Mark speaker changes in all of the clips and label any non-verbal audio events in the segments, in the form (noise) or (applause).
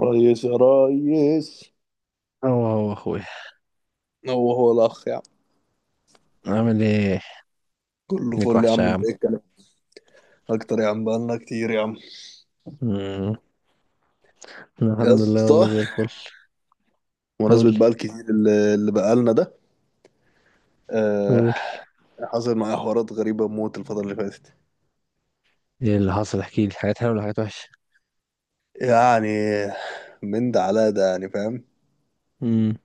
Speaker 1: ريس يا ريس،
Speaker 2: هو اخويا.
Speaker 1: هو هو الاخ يا عم.
Speaker 2: عامل ايه؟
Speaker 1: كله
Speaker 2: ليك
Speaker 1: فل يا
Speaker 2: وحشة
Speaker 1: عم،
Speaker 2: يا
Speaker 1: انت
Speaker 2: عم.
Speaker 1: ايه الكلام؟ اكتر يا عم، بقالنا كتير يا عم.
Speaker 2: مم.
Speaker 1: يا
Speaker 2: الحمد لله، والله
Speaker 1: اسطى،
Speaker 2: زي الفل. قول
Speaker 1: مناسبة بقى
Speaker 2: لي.
Speaker 1: الكتير اللي بقالنا ده. آه.
Speaker 2: قول
Speaker 1: حصل معايا حوارات غريبة موت الفترة اللي فاتت.
Speaker 2: لي، ايه اللي حصل؟ احكي لي حاجات حلوة ولا حاجات وحشة؟
Speaker 1: يعني من ده على ده يعني فاهم.
Speaker 2: امم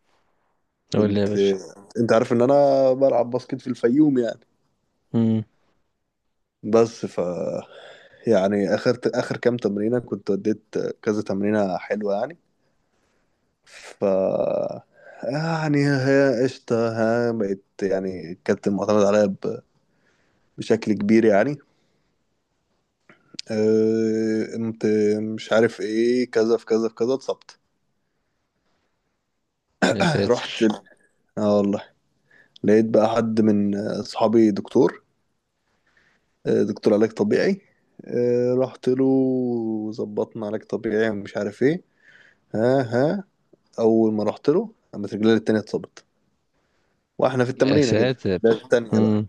Speaker 2: قول لي يا
Speaker 1: كنت
Speaker 2: باشا.
Speaker 1: انت عارف ان انا بلعب باسكت في الفيوم يعني.
Speaker 2: امم
Speaker 1: بس ف يعني اخر كام تمرينة كنت اديت، كذا تمرينة حلوة يعني. ف يعني هي قشطة. بقيت يعني كانت معتمد عليا بشكل كبير يعني. قمت مش عارف ايه، كذا في كذا في كذا اتصبت.
Speaker 2: يا
Speaker 1: (clears throat) رحت
Speaker 2: ساتر.
Speaker 1: ال- اه والله، لقيت بقى حد من اصحابي دكتور، دكتور علاج طبيعي. رحت له وظبطنا علاج طبيعي ومش عارف ايه. ها ها. اول ما رحت له قامت رجلي التانية اتصبت، واحنا في
Speaker 2: يا
Speaker 1: التمرينة كده.
Speaker 2: ساتر.
Speaker 1: ده التانية بقى.
Speaker 2: امم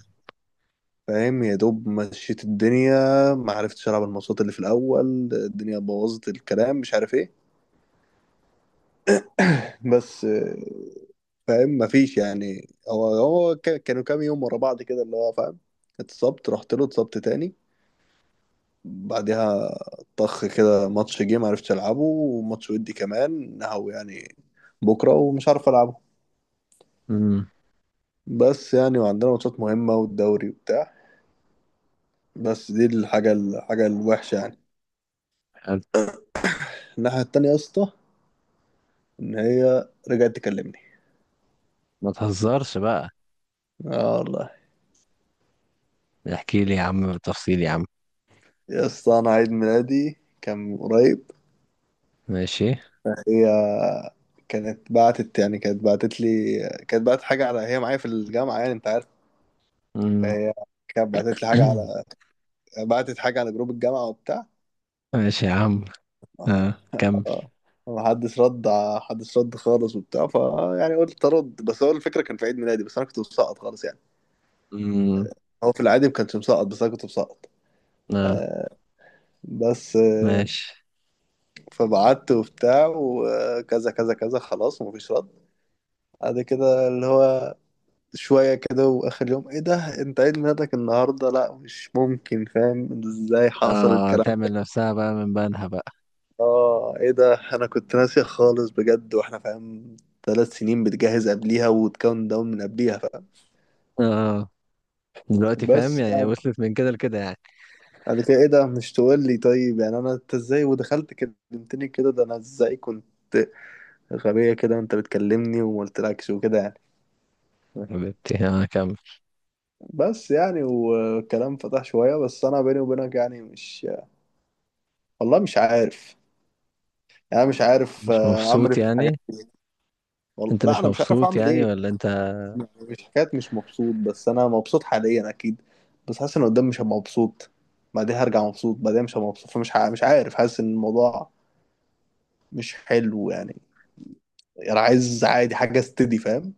Speaker 1: فاهم، يا دوب مشيت الدنيا. ما عرفتش العب الماتشات اللي في الاول. الدنيا بوظت الكلام مش عارف ايه. (laughs) بس فاهم، ما فيش يعني، كانوا كام يوم ورا بعض كده اللي هو فاهم. اتصبت رحت له اتصبت تاني. بعدها طخ كده، ماتش جه ما عرفتش العبه، وماتش ودي كمان نهو يعني بكره ومش عارف العبه.
Speaker 2: امم
Speaker 1: بس يعني وعندنا ماتشات مهمه والدوري وبتاع. بس دي الحاجه الوحشه يعني.
Speaker 2: حلو.
Speaker 1: الناحيه التانيه يا اسطى، ان هي رجعت تكلمني.
Speaker 2: ما تهزرش بقى،
Speaker 1: اه والله.
Speaker 2: احكي لي يا عم بالتفصيل يا عم.
Speaker 1: يا اسطى، انا عيد ميلادي كان من قريب.
Speaker 2: ماشي.
Speaker 1: هي كانت بعتت لي، كانت بعتت حاجة على، هي معايا في الجامعة يعني انت عارف.
Speaker 2: امم
Speaker 1: فهي كانت بعتت لي حاجة على،
Speaker 2: (clears throat)
Speaker 1: بعتت حاجة على جروب الجامعة وبتاع.
Speaker 2: ماشي يا عم.
Speaker 1: اه.
Speaker 2: اه
Speaker 1: اه.
Speaker 2: كمل.
Speaker 1: محدش رد. محدش رد خالص وبتاع. يعني قلت ارد، بس هو الفكرة كان في عيد ميلادي، بس انا كنت مسقط خالص يعني.
Speaker 2: امم
Speaker 1: هو في العادي ما كانش مسقط، بس انا كنت مسقط.
Speaker 2: اه.
Speaker 1: آه بس،
Speaker 2: ماشي.
Speaker 1: فبعت وبتاع وكذا كذا كذا خلاص ومفيش رد. بعد كده اللي هو شوية كده وآخر يوم، إيه ده أنت عيد ميلادك النهاردة؟ لأ مش ممكن، فاهم إزاي حصل
Speaker 2: اه،
Speaker 1: الكلام ده.
Speaker 2: تعمل نفسها بقى من بنها بقى.
Speaker 1: إيه ده أنا كنت ناسي خالص بجد، وإحنا فاهم ثلاث سنين بتجهز قبليها وتكون داون من قبليها فاهم.
Speaker 2: اه، دلوقتي فاهم
Speaker 1: بس
Speaker 2: يعني،
Speaker 1: يعني
Speaker 2: وصلت من كده لكده يعني.
Speaker 1: بعد كده، إيه ده مش تقول لي؟ طيب يعني أنا أنت إزاي ودخلت كلمتني كده؟ ده أنا إزاي كنت غبية كده وأنت بتكلمني وما قلتلكش وكده يعني.
Speaker 2: حبيبتي انا، كمل.
Speaker 1: بس يعني والكلام فتح شوية، بس أنا بيني وبينك يعني مش، والله مش عارف. يعني أنا مش عارف
Speaker 2: مش
Speaker 1: أعمل
Speaker 2: مبسوط
Speaker 1: إيه في الحاجات.
Speaker 2: يعني؟
Speaker 1: والله
Speaker 2: انت
Speaker 1: لا
Speaker 2: مش
Speaker 1: أنا مش عارف
Speaker 2: مبسوط
Speaker 1: أعمل
Speaker 2: يعني
Speaker 1: إيه.
Speaker 2: ولا انت؟
Speaker 1: يعني مش حكاية مش مبسوط، بس أنا مبسوط حاليا أكيد، بس حاسس إن قدام مش هبقى مبسوط، بعدين هرجع مبسوط، بعدين مش هبقى مبسوط. مش عارف، حاسس إن الموضوع مش حلو يعني. أنا عايز عادي حاجة استدي فاهم.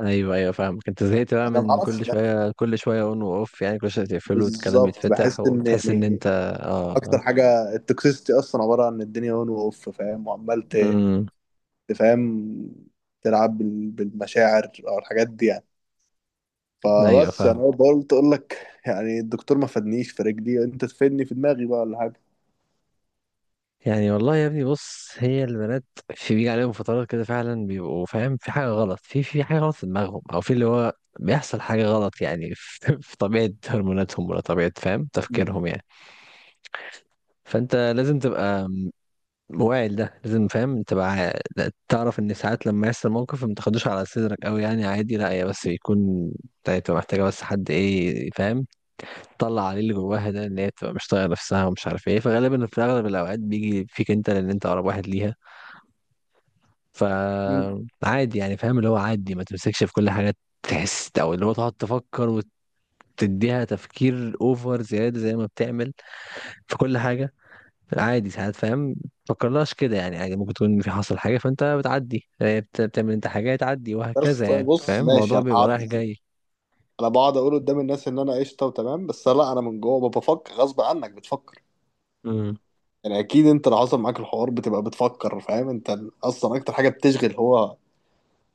Speaker 2: ايوه، ايوه، فاهمك. انت زهقت بقى،
Speaker 1: أنا
Speaker 2: من
Speaker 1: معرفش،
Speaker 2: كل
Speaker 1: لا،
Speaker 2: شويه كل شويه اون واوف، يعني كل شويه تقفله والكلام
Speaker 1: بالظبط
Speaker 2: يتفتح
Speaker 1: بحس إن
Speaker 2: وتحس ان
Speaker 1: يعني
Speaker 2: انت... اه.
Speaker 1: أكتر حاجة التوكسيستي أصلا عبارة عن الدنيا أون وأوف فاهم، وعمال
Speaker 2: امم
Speaker 1: تفهم، تلعب بالمشاعر أو الحاجات دي يعني.
Speaker 2: ايوه
Speaker 1: فبس
Speaker 2: فاهم.
Speaker 1: انا قلت اقول لك يعني، الدكتور ما فادنيش في رجلي، انت تفيدني في دماغي بقى ولا حاجه.
Speaker 2: يعني والله يا ابني، بص، هي البنات في بيجي عليهم فترات كده فعلا، بيبقوا فاهم في حاجه غلط، في حاجه غلط في دماغهم، او في اللي هو بيحصل حاجه غلط يعني، في (laughs) في طبيعه هرموناتهم، ولا طبيعه فاهم
Speaker 1: مم.
Speaker 2: تفكيرهم يعني. فانت لازم تبقى واعي، ده لازم فاهم تبقى، لا، تعرف ان ساعات لما يحصل موقف ما تاخدوش على صدرك قوي، يعني عادي، لا هي بس بيكون تبقى محتاجه بس حد، ايه فاهم، تطلع عليه اللي جواها، ده ان هي تبقى مش طايقه نفسها ومش عارف ايه، فغالبا في اغلب الاوقات بيجي فيك انت، لان انت اقرب واحد ليها.
Speaker 1: مم.
Speaker 2: فعادي يعني، فاهم، اللي هو عادي ما تمسكش في كل حاجه تحس، او اللي هو تقعد تفكر وتديها تفكير اوفر زياده زي ما بتعمل في كل حاجه. عادي ساعات، فاهم، متفكرلهاش كده، يعني عادي ممكن تكون في حصل حاجة فانت بتعدي، بتعمل انت حاجة تعدي،
Speaker 1: بس
Speaker 2: وهكذا،
Speaker 1: طيب
Speaker 2: يعني
Speaker 1: بص،
Speaker 2: فاهم
Speaker 1: ماشي
Speaker 2: الموضوع
Speaker 1: انا
Speaker 2: بيبقى رايح
Speaker 1: هقعد،
Speaker 2: جاي.
Speaker 1: انا بقعد اقول قدام الناس ان انا قشطه وتمام، بس لا، انا من جوه بفكر، غصب عنك بتفكر.
Speaker 2: امم
Speaker 1: يعني اكيد انت لو حصل معاك الحوار بتبقى بتفكر فاهم. انت اصلا اكتر حاجه بتشغل، هو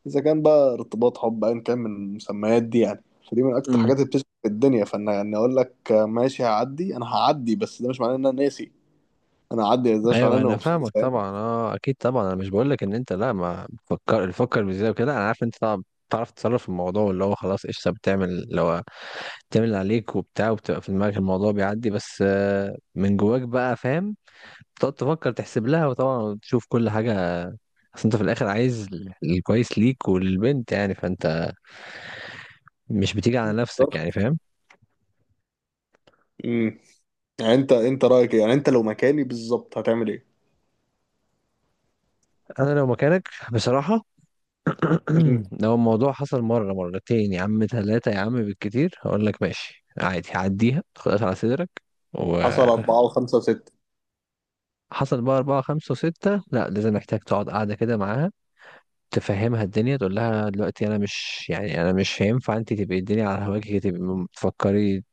Speaker 1: اذا كان بقى ارتباط حب ايا كان من المسميات دي يعني، فدي من اكتر
Speaker 2: امم
Speaker 1: الحاجات اللي بتشغل في الدنيا. فانا يعني اقول لك ماشي هعدي، انا هعدي بس ده مش معناه ان انا ناسي، انا هعدي بس ده مش معناه
Speaker 2: ايوه
Speaker 1: ان انا
Speaker 2: انا
Speaker 1: مبسوط.
Speaker 2: فاهمك طبعا، اه، اكيد طبعا. انا مش بقول لك ان انت، لا، ما بتفكر، تفكر بزياده وكده. انا عارف انت طبعا بتعرف تتصرف في الموضوع، اللي هو خلاص قشطه، بتعمل اللي هو بتعمل اللي عليك وبتاع، وبتبقى في دماغك الموضوع بيعدي، بس من جواك بقى فاهم، تقعد تفكر تحسب لها، وطبعا تشوف كل حاجه، اصل انت في الاخر عايز الكويس ليك وللبنت يعني، فانت مش بتيجي على نفسك يعني، فاهم.
Speaker 1: فاهم؟ يعني انت رايك ايه؟ يعني انت لو مكاني بالظبط هتعمل ايه؟
Speaker 2: انا لو مكانك بصراحه،
Speaker 1: مم.
Speaker 2: (clears throat) لو الموضوع حصل مره، مرتين يا عم، ثلاثه يا عم بالكتير، هقول لك ماشي، عادي، عديها خلاص على صدرك.
Speaker 1: حصل
Speaker 2: وحصل
Speaker 1: اربعة وخمسة وستة.
Speaker 2: بقى أربعة، خمسة وستة، لا لازم، محتاج تقعد قاعدة كده معاها، تفهمها الدنيا، تقول لها دلوقتي أنا مش، يعني أنا مش هينفع أنت تبقي الدنيا على هواكي، تبقي تفكري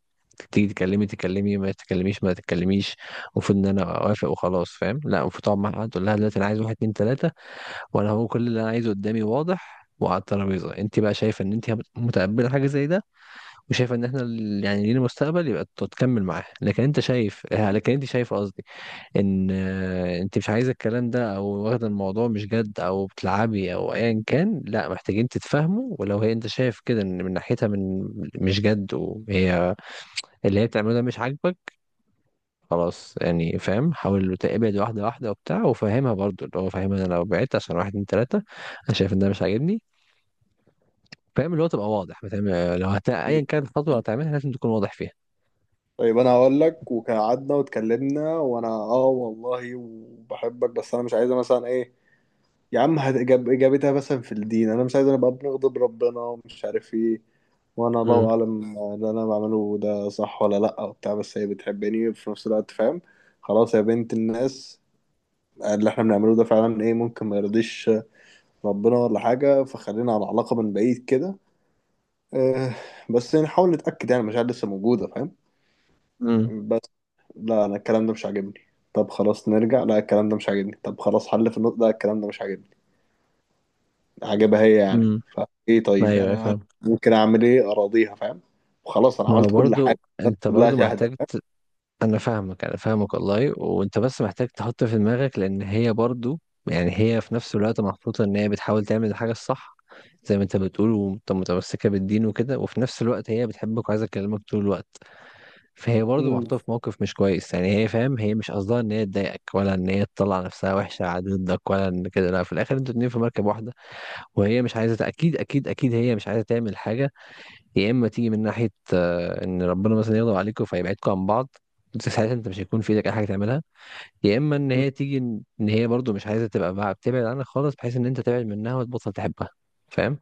Speaker 2: تيجي تكلمي، تكلمي، ما تتكلميش ما تتكلميش، المفروض إن أنا أوافق وخلاص، فاهم؟ لا، المفروض تقعد معاها تقول لها دلوقتي أنا عايز واحد، اتنين، تلاتة، وانا هو كل اللي انا عايزه قدامي واضح وعلى الترابيزه. انت بقى شايفه ان انت متقبله حاجه زي ده، وشايفه ان احنا، يعني لينا مستقبل، يبقى تكمل معاه. لكن انت شايف، لكن انت شايف قصدي، ان انت مش عايزه الكلام ده، او واخده الموضوع مش جد، او بتلعبي، او ايا كان، لا، محتاجين تتفاهموا. ولو هي انت شايف كده ان من ناحيتها، من... مش جد، وهي اللي هي بتعمله ده مش عاجبك، خلاص يعني، فاهم حاول تقبل، واحده واحده وبتاع، وفاهمها برضو، اللي هو فاهمها انا لو بعدت عشان واحد، اتنين، تلاته، انا شايف ان ده مش عاجبني، فاهم اللي هو تبقى واضح بتعمل، لو ايا
Speaker 1: مم.
Speaker 2: كانت الخطوه اللي هتعملها لازم تكون واضح فيها.
Speaker 1: طيب انا هقول لك وقعدنا واتكلمنا، وانا اه والله وبحبك، بس انا مش عايزه مثلا ايه، يا عم اجابتها مثلا في الدين، انا مش عايزه نبقى بنغضب ربنا ومش عارف ايه، وانا
Speaker 2: امم
Speaker 1: الله اعلم اللي انا بعمله ده صح ولا لا وبتاع، بس هي بتحبني وفي نفس الوقت فاهم. خلاص يا بنت الناس، اللي احنا بنعمله ده فعلا ايه، ممكن ما يرضيش ربنا ولا حاجة، فخلينا على علاقة من بعيد كده. آه، بس نحاول نتأكد يعني المشاعر لسه موجودة فاهم.
Speaker 2: امم
Speaker 1: بس لا أنا الكلام ده مش عاجبني. طب خلاص نرجع، لا الكلام ده مش عاجبني. طب خلاص حل في النقطة، لا الكلام ده مش عاجبني. عاجبها هي يعني.
Speaker 2: امم
Speaker 1: فإيه طيب،
Speaker 2: ايوه،
Speaker 1: يعني
Speaker 2: أيوة،
Speaker 1: أنا
Speaker 2: فاهم.
Speaker 1: ممكن أعمل إيه؟ أراضيها فاهم، وخلاص أنا
Speaker 2: ما هو
Speaker 1: عملت كل حاجة،
Speaker 2: برضو،
Speaker 1: الناس
Speaker 2: انت
Speaker 1: كلها
Speaker 2: برضو
Speaker 1: شاهدة
Speaker 2: محتاج
Speaker 1: فاهم.
Speaker 2: انا فاهمك، انا فاهمك والله، وانت بس محتاج تحط في دماغك، لان هي برضو، يعني هي في نفس الوقت محطوطة ان هي بتحاول تعمل الحاجة الصح زي ما انت بتقول، وانت متمسكة بالدين وكده، وفي نفس الوقت هي بتحبك وعايزة تكلمك طول الوقت. فهي برضه
Speaker 1: مم.
Speaker 2: محطوطة في موقف مش كويس، يعني هي فاهم هي مش قصدها ان هي تضايقك، ولا ان هي تطلع نفسها وحشة على ضدك، ولا ان كده، لا، في الاخر انتوا اتنين في مركب واحدة، وهي مش عايزة، اكيد اكيد اكيد هي مش عايزة تعمل حاجة، يا اما تيجي من ناحية ان ربنا مثلا يغضب عليكم فيبعدكم عن بعض، انت ساعتها انت مش هيكون في ايدك اي حاجة تعملها، يا اما ان هي تيجي إن هي برضه مش عايزة تبقى بقى بتبعد عنك خالص، بحيث ان انت تبعد منها وتبطل تحبها، فاهم.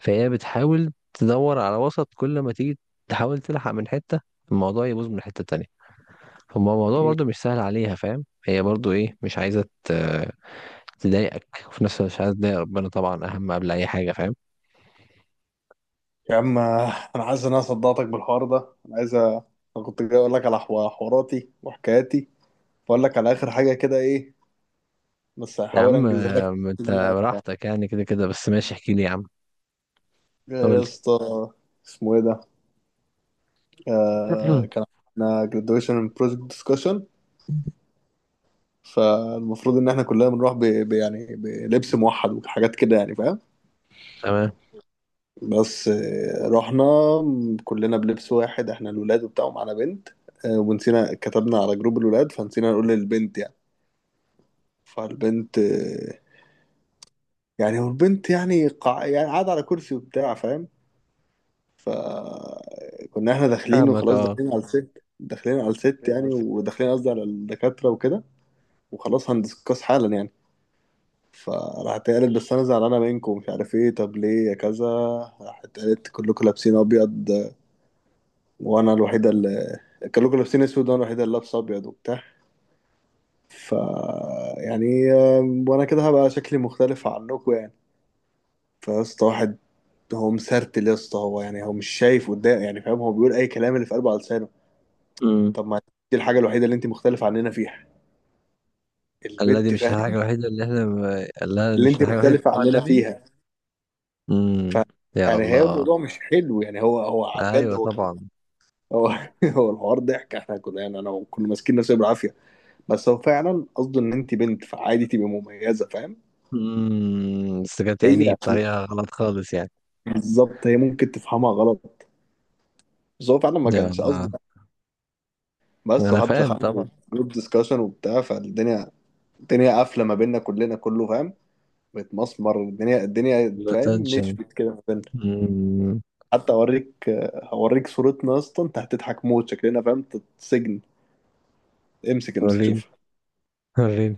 Speaker 2: فهي بتحاول تدور على وسط، كل ما تيجي تحاول تلحق من حتة، الموضوع يبوظ من حتة تانية. هما الموضوع
Speaker 1: مم.
Speaker 2: برضو مش سهل عليها، فاهم هي برضو، ايه، مش عايزة تضايقك، وفي نفس الوقت مش عايزة تضايق ربنا طبعا، أهم قبل أي حاجة، فاهم.
Speaker 1: يا عم أنا عايز إن أنا صدقتك بالحوار ده، أنا عايز أنا كنت جاي أقول لك على حواراتي وحكاياتي، وأقول لك على آخر حاجة كده إيه، بس
Speaker 2: يا
Speaker 1: هحاول
Speaker 2: عم
Speaker 1: انجزها لك.
Speaker 2: أنت
Speaker 1: يا
Speaker 2: براحتك يعني، كده كده بس، ماشي احكي لي يا عم. قول
Speaker 1: يا
Speaker 2: لي.
Speaker 1: اسطى، اسمه ايه ده؟
Speaker 2: (clears throat)
Speaker 1: كان عندنا graduation project discussion، فالمفروض ان احنا كلنا بنروح يعني بلبس موحد وحاجات كده يعني فاهم.
Speaker 2: تمام.
Speaker 1: بس رحنا كلنا بلبس واحد، احنا الولاد وبتاع، ومعانا بنت. ونسينا، كتبنا على جروب الولاد فنسينا نقول للبنت يعني. فالبنت يعني، والبنت يعني يعني قاعدة على كرسي وبتاع فاهم. ف كنا احنا داخلين
Speaker 2: فاهمك،
Speaker 1: وخلاص،
Speaker 2: اه.
Speaker 1: داخلين على الست يعني، وداخلين قصدي على الدكاترة وكده، وخلاص هندسكاس حالا يعني. فراحت قالت بس انا زعلانة منكم ومش عارف ايه. طب ليه يا كذا؟ راحت قالت كلكم لابسين ابيض، وانا الوحيدة اللي كلكم لابسين اسود وانا الوحيدة اللي لابسة ابيض وبتاع. ف يعني وانا كده هبقى شكلي مختلف عنكم يعني. فيا اسطى، واحد هو مسرتل يا اسطى، هو يعني هو مش شايف قدام يعني فاهم، هو بيقول اي كلام اللي في قلبه على لسانه.
Speaker 2: امم
Speaker 1: طب ما دي الحاجة الوحيدة اللي انت مختلف عننا فيها،
Speaker 2: قال لها دي
Speaker 1: البت
Speaker 2: مش الحاجة
Speaker 1: فاهم،
Speaker 2: الوحيدة اللي احنا ب- قال لها
Speaker 1: اللي
Speaker 2: مش
Speaker 1: انت
Speaker 2: الحاجة الوحيدة اللي
Speaker 1: مختلفة
Speaker 2: بنقول على
Speaker 1: عننا
Speaker 2: النبي.
Speaker 1: فيها. ف
Speaker 2: امم يا
Speaker 1: يعني هي
Speaker 2: الله.
Speaker 1: الموضوع مش حلو يعني، هو بجد
Speaker 2: ايوه
Speaker 1: هو كان،
Speaker 2: طبعا.
Speaker 1: هو (laughs) هو الحوار ضحك، احنا كنا يعني انا كنا ماسكين نفسنا بالعافية، بس هو فعلا قصده ان انت بنت فعادي تبقي مميزة فاهم.
Speaker 2: بس كانت
Speaker 1: هي
Speaker 2: يعني
Speaker 1: عشان-
Speaker 2: بطريقة غلط خالص يعني.
Speaker 1: بالظبط هي ممكن تفهمها غلط، بس هو فعلا ما
Speaker 2: يا
Speaker 1: كانش
Speaker 2: الله.
Speaker 1: قصده. بس،
Speaker 2: انا
Speaker 1: وحتى
Speaker 2: فاهم
Speaker 1: دخلنا
Speaker 2: طبعا.
Speaker 1: جروب ديسكشن وبتاع، فالدنيا الدنيا قافلة ما بيننا كلنا، كله فاهم، متمسمر، الدنيا الدنيا فاهم
Speaker 2: الاتنشن.
Speaker 1: نشفت كده.
Speaker 2: مم.
Speaker 1: حتى اوريك، هوريك صورتنا يا اسطى، انت هتضحك موت شكلنا فاهم. سجن. امسك امسك
Speaker 2: وريني،
Speaker 1: شوف.
Speaker 2: وريني.